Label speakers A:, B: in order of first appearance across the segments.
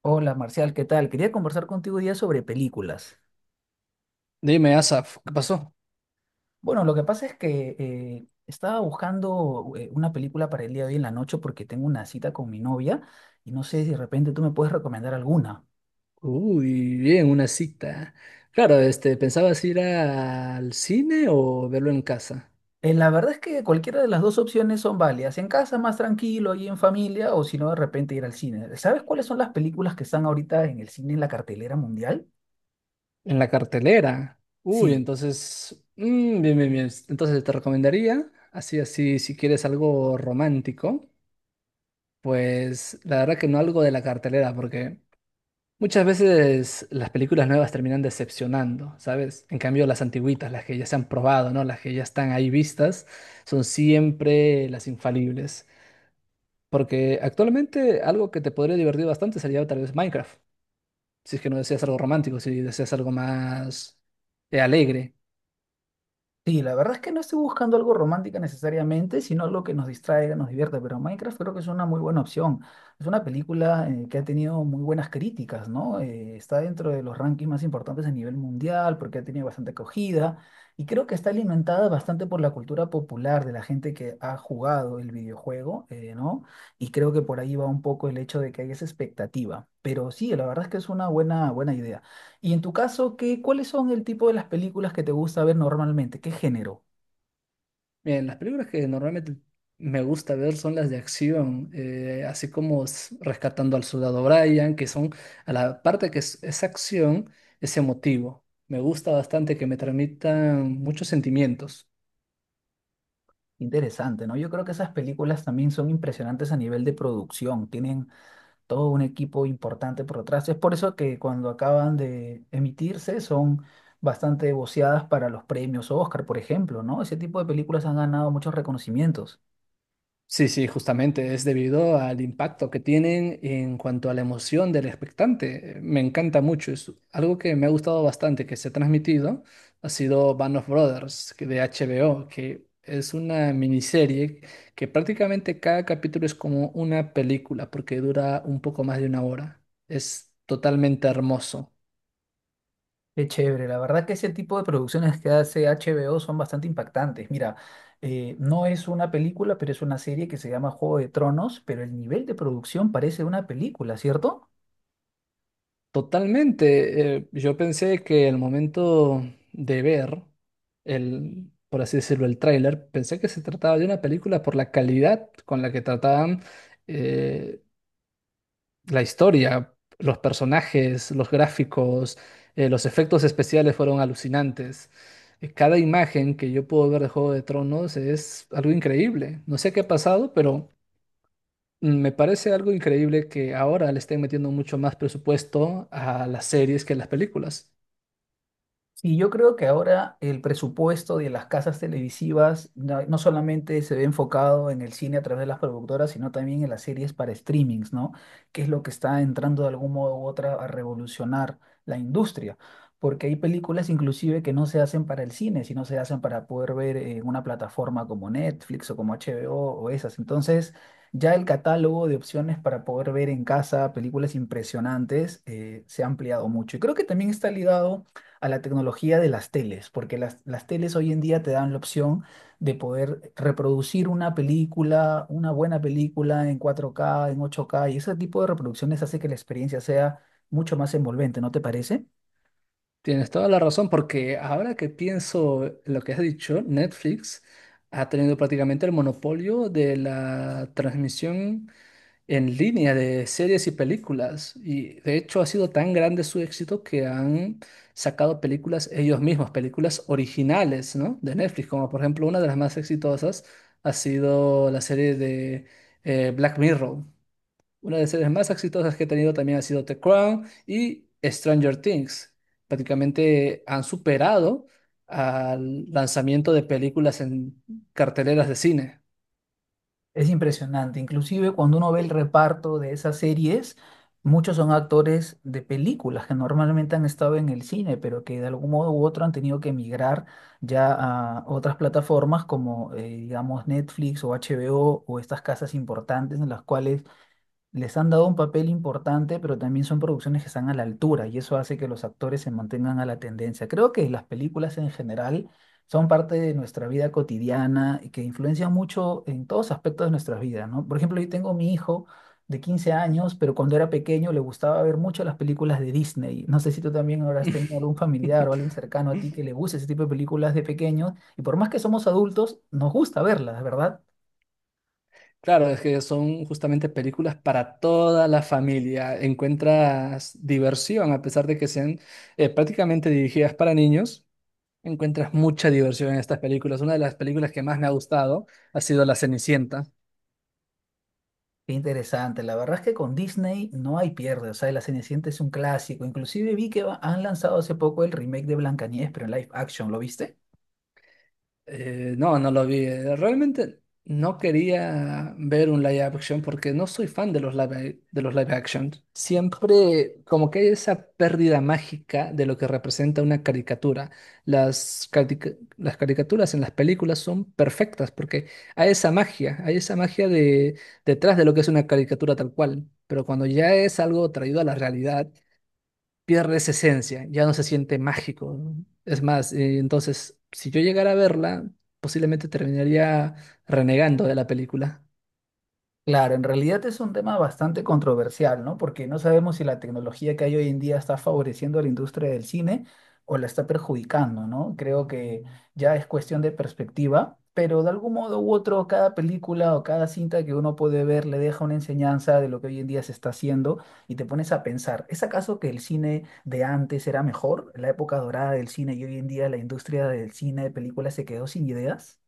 A: Hola Marcial, ¿qué tal? Quería conversar contigo hoy día sobre películas.
B: Dime, Asaf, ¿qué pasó?
A: Bueno, lo que pasa es que estaba buscando una película para el día de hoy en la noche porque tengo una cita con mi novia y no sé si de repente tú me puedes recomendar alguna.
B: Uy, bien, una cita. Claro, este, ¿pensabas ir al cine o verlo en casa?
A: La verdad es que cualquiera de las dos opciones son válidas. En casa más tranquilo ahí en familia o si no de repente ir al cine. ¿Sabes cuáles son las películas que están ahorita en el cine en la cartelera mundial?
B: En la cartelera. Uy,
A: Sí.
B: entonces, bien, bien, bien. Entonces te recomendaría, así, así, si quieres algo romántico, pues la verdad que no algo de la cartelera, porque muchas veces las películas nuevas terminan decepcionando, ¿sabes? En cambio, las antigüitas, las que ya se han probado, ¿no? Las que ya están ahí vistas, son siempre las infalibles. Porque actualmente algo que te podría divertir bastante sería tal vez Minecraft, si es que no deseas algo romántico, si deseas algo más alegre.
A: Sí, la verdad es que no estoy buscando algo romántico necesariamente, sino algo que nos distraiga, nos divierta, pero Minecraft creo que es una muy buena opción. Es una película que ha tenido muy buenas críticas, ¿no? Está dentro de los rankings más importantes a nivel mundial porque ha tenido bastante acogida y creo que está alimentada bastante por la cultura popular de la gente que ha jugado el videojuego, ¿no? Y creo que por ahí va un poco el hecho de que hay esa expectativa. Pero sí, la verdad es que es una buena, buena idea. Y en tu caso, ¿qué, cuáles son el tipo de las películas que te gusta ver normalmente? ¿Qué género?
B: Bien, las películas que normalmente me gusta ver son las de acción, así como Rescatando al Soldado Brian, que son, a la parte que es acción, es emotivo. Me gusta bastante que me transmitan muchos sentimientos.
A: Interesante, ¿no? Yo creo que esas películas también son impresionantes a nivel de producción, tienen todo un equipo importante por detrás. Es por eso que cuando acaban de emitirse son bastante voceadas para los premios Oscar, por ejemplo, ¿no? Ese tipo de películas han ganado muchos reconocimientos.
B: Sí, sí, justamente es debido al impacto que tienen en cuanto a la emoción del expectante. Me encanta mucho, es algo que me ha gustado bastante que se ha transmitido, ha sido Band of Brothers que de HBO, que es una miniserie que prácticamente cada capítulo es como una película porque dura un poco más de una hora. Es totalmente hermoso.
A: Qué chévere, la verdad que ese tipo de producciones que hace HBO son bastante impactantes. Mira, no es una película, pero es una serie que se llama Juego de Tronos, pero el nivel de producción parece una película, ¿cierto?
B: Totalmente. Yo pensé que el momento de ver el, por así decirlo, el tráiler, pensé que se trataba de una película por la calidad con la que trataban eh, la historia, los personajes, los gráficos, los efectos especiales fueron alucinantes. Cada imagen que yo puedo ver de Juego de Tronos es algo increíble. No sé qué ha pasado, pero Me parece algo increíble que ahora le estén metiendo mucho más presupuesto a las series que a las películas.
A: Sí, yo creo que ahora el presupuesto de las casas televisivas no solamente se ve enfocado en el cine a través de las productoras, sino también en las series para streamings, ¿no? Que es lo que está entrando de algún modo u otra a revolucionar la industria. Porque hay películas inclusive que no se hacen para el cine, sino se hacen para poder ver en una plataforma como Netflix o como HBO o esas. Entonces, ya el catálogo de opciones para poder ver en casa películas impresionantes se ha ampliado mucho. Y creo que también está ligado a la tecnología de las teles, porque las teles hoy en día te dan la opción de poder reproducir una película, una buena película en 4K en 8K y ese tipo de reproducciones hace que la experiencia sea mucho más envolvente, ¿no te parece?
B: Tienes toda la razón, porque ahora que pienso en lo que has dicho, Netflix ha tenido prácticamente el monopolio de la transmisión en línea de series y películas. Y de hecho ha sido tan grande su éxito que han sacado películas ellos mismos, películas originales, ¿no? De Netflix, como por ejemplo una de las más exitosas ha sido la serie de Black Mirror. Una de las series más exitosas que he tenido también ha sido The Crown y Stranger Things. Prácticamente han superado al lanzamiento de películas en carteleras de cine.
A: Es impresionante, inclusive cuando uno ve el reparto de esas series, muchos son actores de películas que normalmente han estado en el cine, pero que de algún modo u otro han tenido que emigrar ya a otras plataformas como, digamos, Netflix o HBO o estas casas importantes en las cuales les han dado un papel importante, pero también son producciones que están a la altura y eso hace que los actores se mantengan a la tendencia. Creo que las películas en general son parte de nuestra vida cotidiana y que influencian mucho en todos aspectos de nuestras vidas, ¿no? Por ejemplo, yo tengo mi hijo de 15 años, pero cuando era pequeño le gustaba ver mucho las películas de Disney. No sé si tú también habrás tenido algún familiar o alguien cercano a ti que le guste ese tipo de películas de pequeños y por más que somos adultos, nos gusta verlas, ¿verdad?
B: Claro, es que son justamente películas para toda la familia. Encuentras diversión, a pesar de que sean prácticamente dirigidas para niños, encuentras mucha diversión en estas películas. Una de las películas que más me ha gustado ha sido La Cenicienta.
A: Qué interesante, la verdad es que con Disney no hay pierde, o sea, La Cenicienta es un clásico, inclusive vi que han lanzado hace poco el remake de Blancanieves, pero en live action, ¿lo viste?
B: No, no lo vi. Realmente no quería ver un live action porque no soy fan de los live action. Siempre como que hay esa pérdida mágica de lo que representa una caricatura. Las, carica- las caricaturas en las películas son perfectas porque hay esa magia de, detrás de lo que es una caricatura tal cual. Pero cuando ya es algo traído a la realidad, pierde esa esencia, ya no se siente mágico, ¿no? Es más, entonces, si yo llegara a verla, posiblemente terminaría renegando de la película.
A: Claro, en realidad es un tema bastante controversial, ¿no? Porque no sabemos si la tecnología que hay hoy en día está favoreciendo a la industria del cine o la está perjudicando, ¿no? Creo que ya es cuestión de perspectiva, pero de algún modo u otro, cada película o cada cinta que uno puede ver le deja una enseñanza de lo que hoy en día se está haciendo y te pones a pensar, ¿es acaso que el cine de antes era mejor, la época dorada del cine y hoy en día la industria del cine de películas se quedó sin ideas?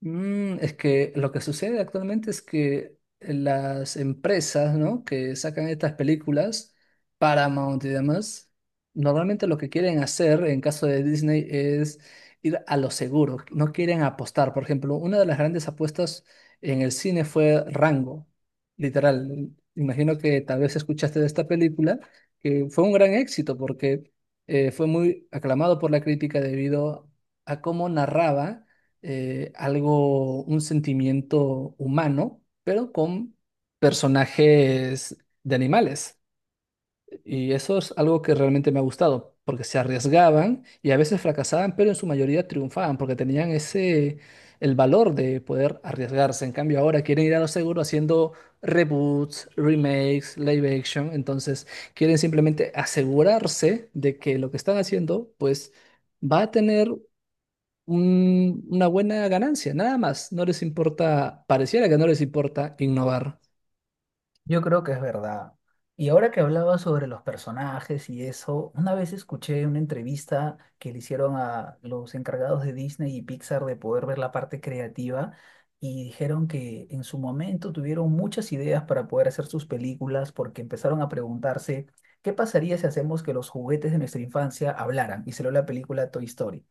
B: Es que lo que sucede actualmente es que las empresas, ¿no? que sacan estas películas, Paramount y demás, normalmente lo que quieren hacer en caso de Disney es ir a lo seguro, no quieren apostar. Por ejemplo, una de las grandes apuestas en el cine fue Rango, literal. Imagino que tal vez escuchaste de esta película, que fue un gran éxito porque fue muy aclamado por la crítica debido a cómo narraba algo, un sentimiento humano, pero con personajes de animales. Y eso es algo que realmente me ha gustado, porque se arriesgaban y a veces fracasaban, pero en su mayoría triunfaban, porque tenían ese, el valor de poder arriesgarse. En cambio, ahora quieren ir a lo seguro haciendo reboots, remakes, live action, entonces quieren simplemente asegurarse de que lo que están haciendo, pues va a tener una buena ganancia, nada más. No les importa, pareciera que no les importa innovar.
A: Yo creo que es verdad. Y ahora que hablaba sobre los personajes y eso, una vez escuché una entrevista que le hicieron a los encargados de Disney y Pixar de poder ver la parte creativa y dijeron que en su momento tuvieron muchas ideas para poder hacer sus películas porque empezaron a preguntarse qué pasaría si hacemos que los juguetes de nuestra infancia hablaran y salió la película Toy Story.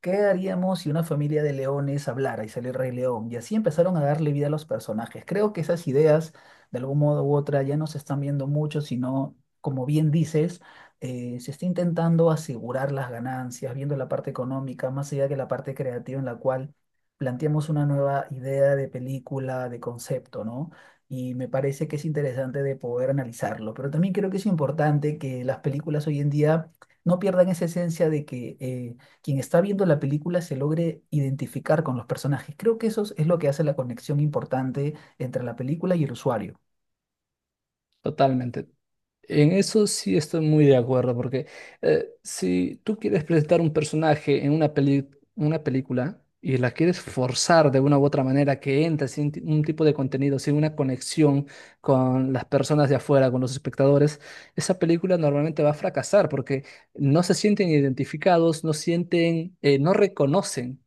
A: ¿Qué haríamos si una familia de leones hablara y sale el Rey León? Y así empezaron a darle vida a los personajes. Creo que esas ideas, de algún modo u otra, ya no se están viendo mucho, sino, como bien dices, se está intentando asegurar las ganancias, viendo la parte económica, más allá que la parte creativa en la cual planteamos una nueva idea de película, de concepto, ¿no? Y me parece que es interesante de poder analizarlo. Pero también creo que es importante que las películas hoy en día no pierdan esa esencia de que... quien está viendo la película se logre identificar con los personajes. Creo que eso es lo que hace la conexión importante entre la película y el usuario.
B: Totalmente. En eso sí estoy muy de acuerdo, porque si tú quieres presentar un personaje en una una película y la quieres forzar de una u otra manera que entre sin ti- un tipo de contenido, sin una conexión con las personas de afuera, con los espectadores, esa película normalmente va a fracasar porque no se sienten identificados, no sienten, no reconocen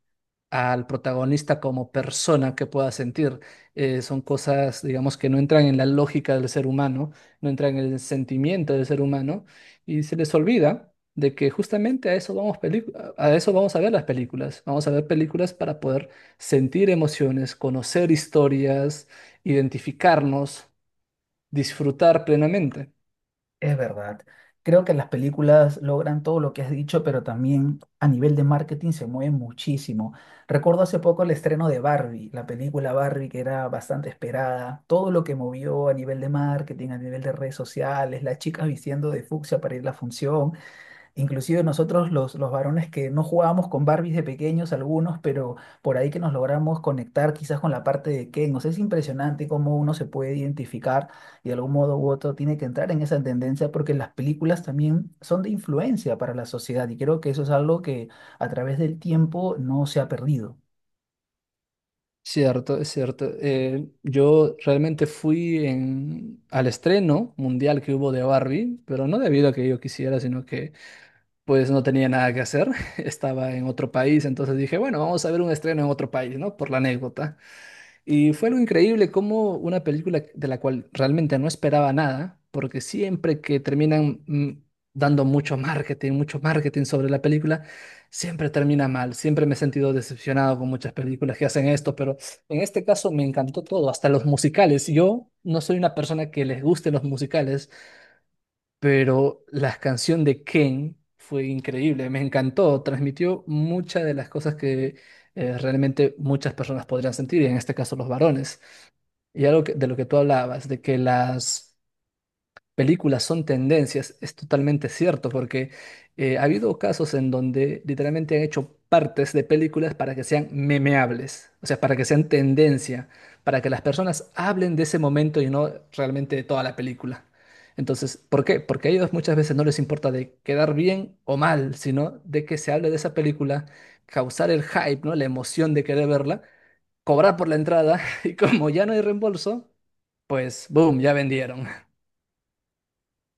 B: al protagonista como persona que pueda sentir. Son cosas, digamos, que no entran en la lógica del ser humano, no entran en el sentimiento del ser humano, y se les olvida de que justamente a eso vamos, a eso vamos a ver las películas. Vamos a ver películas para poder sentir emociones, conocer historias, identificarnos, disfrutar plenamente.
A: Es verdad. Creo que las películas logran todo lo que has dicho, pero también a nivel de marketing se mueven muchísimo. Recuerdo hace poco el estreno de Barbie, la película Barbie que era bastante esperada, todo lo que movió a nivel de marketing, a nivel de redes sociales, la chica vistiendo de fucsia para ir a la función. Inclusive nosotros los varones que no jugábamos con Barbies de pequeños algunos, pero por ahí que nos logramos conectar quizás con la parte de Ken. O sea, es impresionante cómo uno se puede identificar y de algún modo u otro tiene que entrar en esa tendencia porque las películas también son de influencia para la sociedad y creo que eso es algo que a través del tiempo no se ha perdido.
B: Cierto, es cierto. Yo realmente fui al estreno mundial que hubo de Barbie, pero no debido a que yo quisiera, sino que pues no tenía nada que hacer. Estaba en otro país, entonces dije, bueno, vamos a ver un estreno en otro país, ¿no? Por la anécdota. Y fue algo increíble como una película de la cual realmente no esperaba nada, porque siempre que terminan dando mucho marketing sobre la película, siempre termina mal. Siempre me he sentido decepcionado con muchas películas que hacen esto, pero en este caso me encantó todo, hasta los musicales. Yo no soy una persona que les guste los musicales, pero la canción de Ken fue increíble, me encantó, transmitió muchas de las cosas que realmente muchas personas podrían sentir, y en este caso los varones. Y algo de lo que tú hablabas, de que las películas son tendencias, es totalmente cierto, porque ha habido casos en donde literalmente han hecho partes de películas para que sean memeables, o sea, para que sean tendencia, para que las personas hablen de ese momento y no realmente de toda la película. Entonces, ¿por qué? Porque a ellos muchas veces no les importa de quedar bien o mal, sino de que se hable de esa película, causar el hype, ¿no? La emoción de querer verla cobrar por la entrada y como ya no hay reembolso, pues boom, ya vendieron.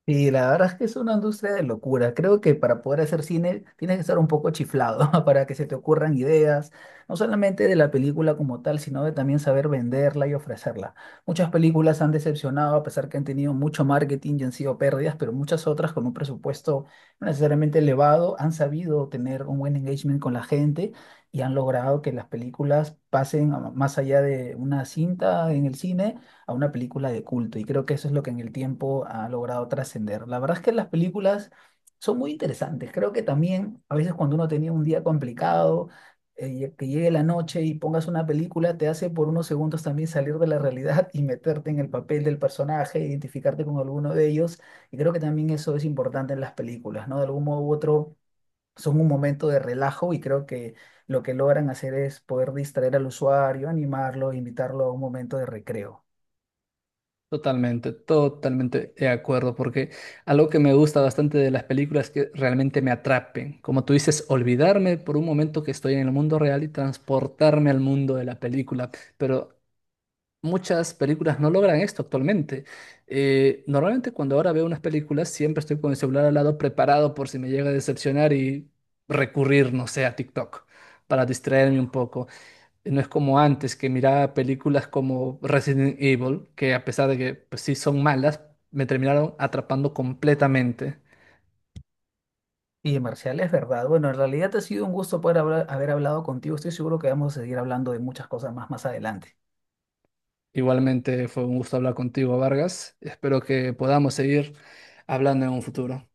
A: Y la verdad es que es una industria de locura. Creo que para poder hacer cine tienes que estar un poco chiflado para que se te ocurran ideas, no solamente de la película como tal, sino de también saber venderla y ofrecerla. Muchas películas han decepcionado a pesar que han tenido mucho marketing y han sido pérdidas, pero muchas otras con un presupuesto no necesariamente elevado han sabido tener un buen engagement con la gente y han logrado que las películas más allá de una cinta en el cine a una película de culto y creo que eso es lo que en el tiempo ha logrado trascender. La verdad es que las películas son muy interesantes. Creo que también a veces cuando uno tenía un día complicado, que llegue la noche y pongas una película, te hace por unos segundos también salir de la realidad y meterte en el papel del personaje, identificarte con alguno de ellos. Y creo que también eso es importante en las películas, ¿no? De algún modo u otro son un momento de relajo y creo que lo que logran hacer es poder distraer al usuario, animarlo, invitarlo a un momento de recreo.
B: Totalmente, totalmente de acuerdo, porque algo que me gusta bastante de las películas es que realmente me atrapen. Como tú dices, olvidarme por un momento que estoy en el mundo real y transportarme al mundo de la película. Pero muchas películas no logran esto actualmente. Normalmente cuando ahora veo unas películas, siempre estoy con el celular al lado preparado por si me llega a decepcionar y recurrir, no sé, a TikTok para distraerme un poco. No es como antes que miraba películas como Resident Evil, que a pesar de que pues, sí son malas, me terminaron atrapando completamente.
A: Y Marcial, es verdad. Bueno, en realidad ha sido un gusto poder haber hablado contigo. Estoy seguro que vamos a seguir hablando de muchas cosas más adelante.
B: Igualmente fue un gusto hablar contigo, Vargas. Espero que podamos seguir hablando en un futuro.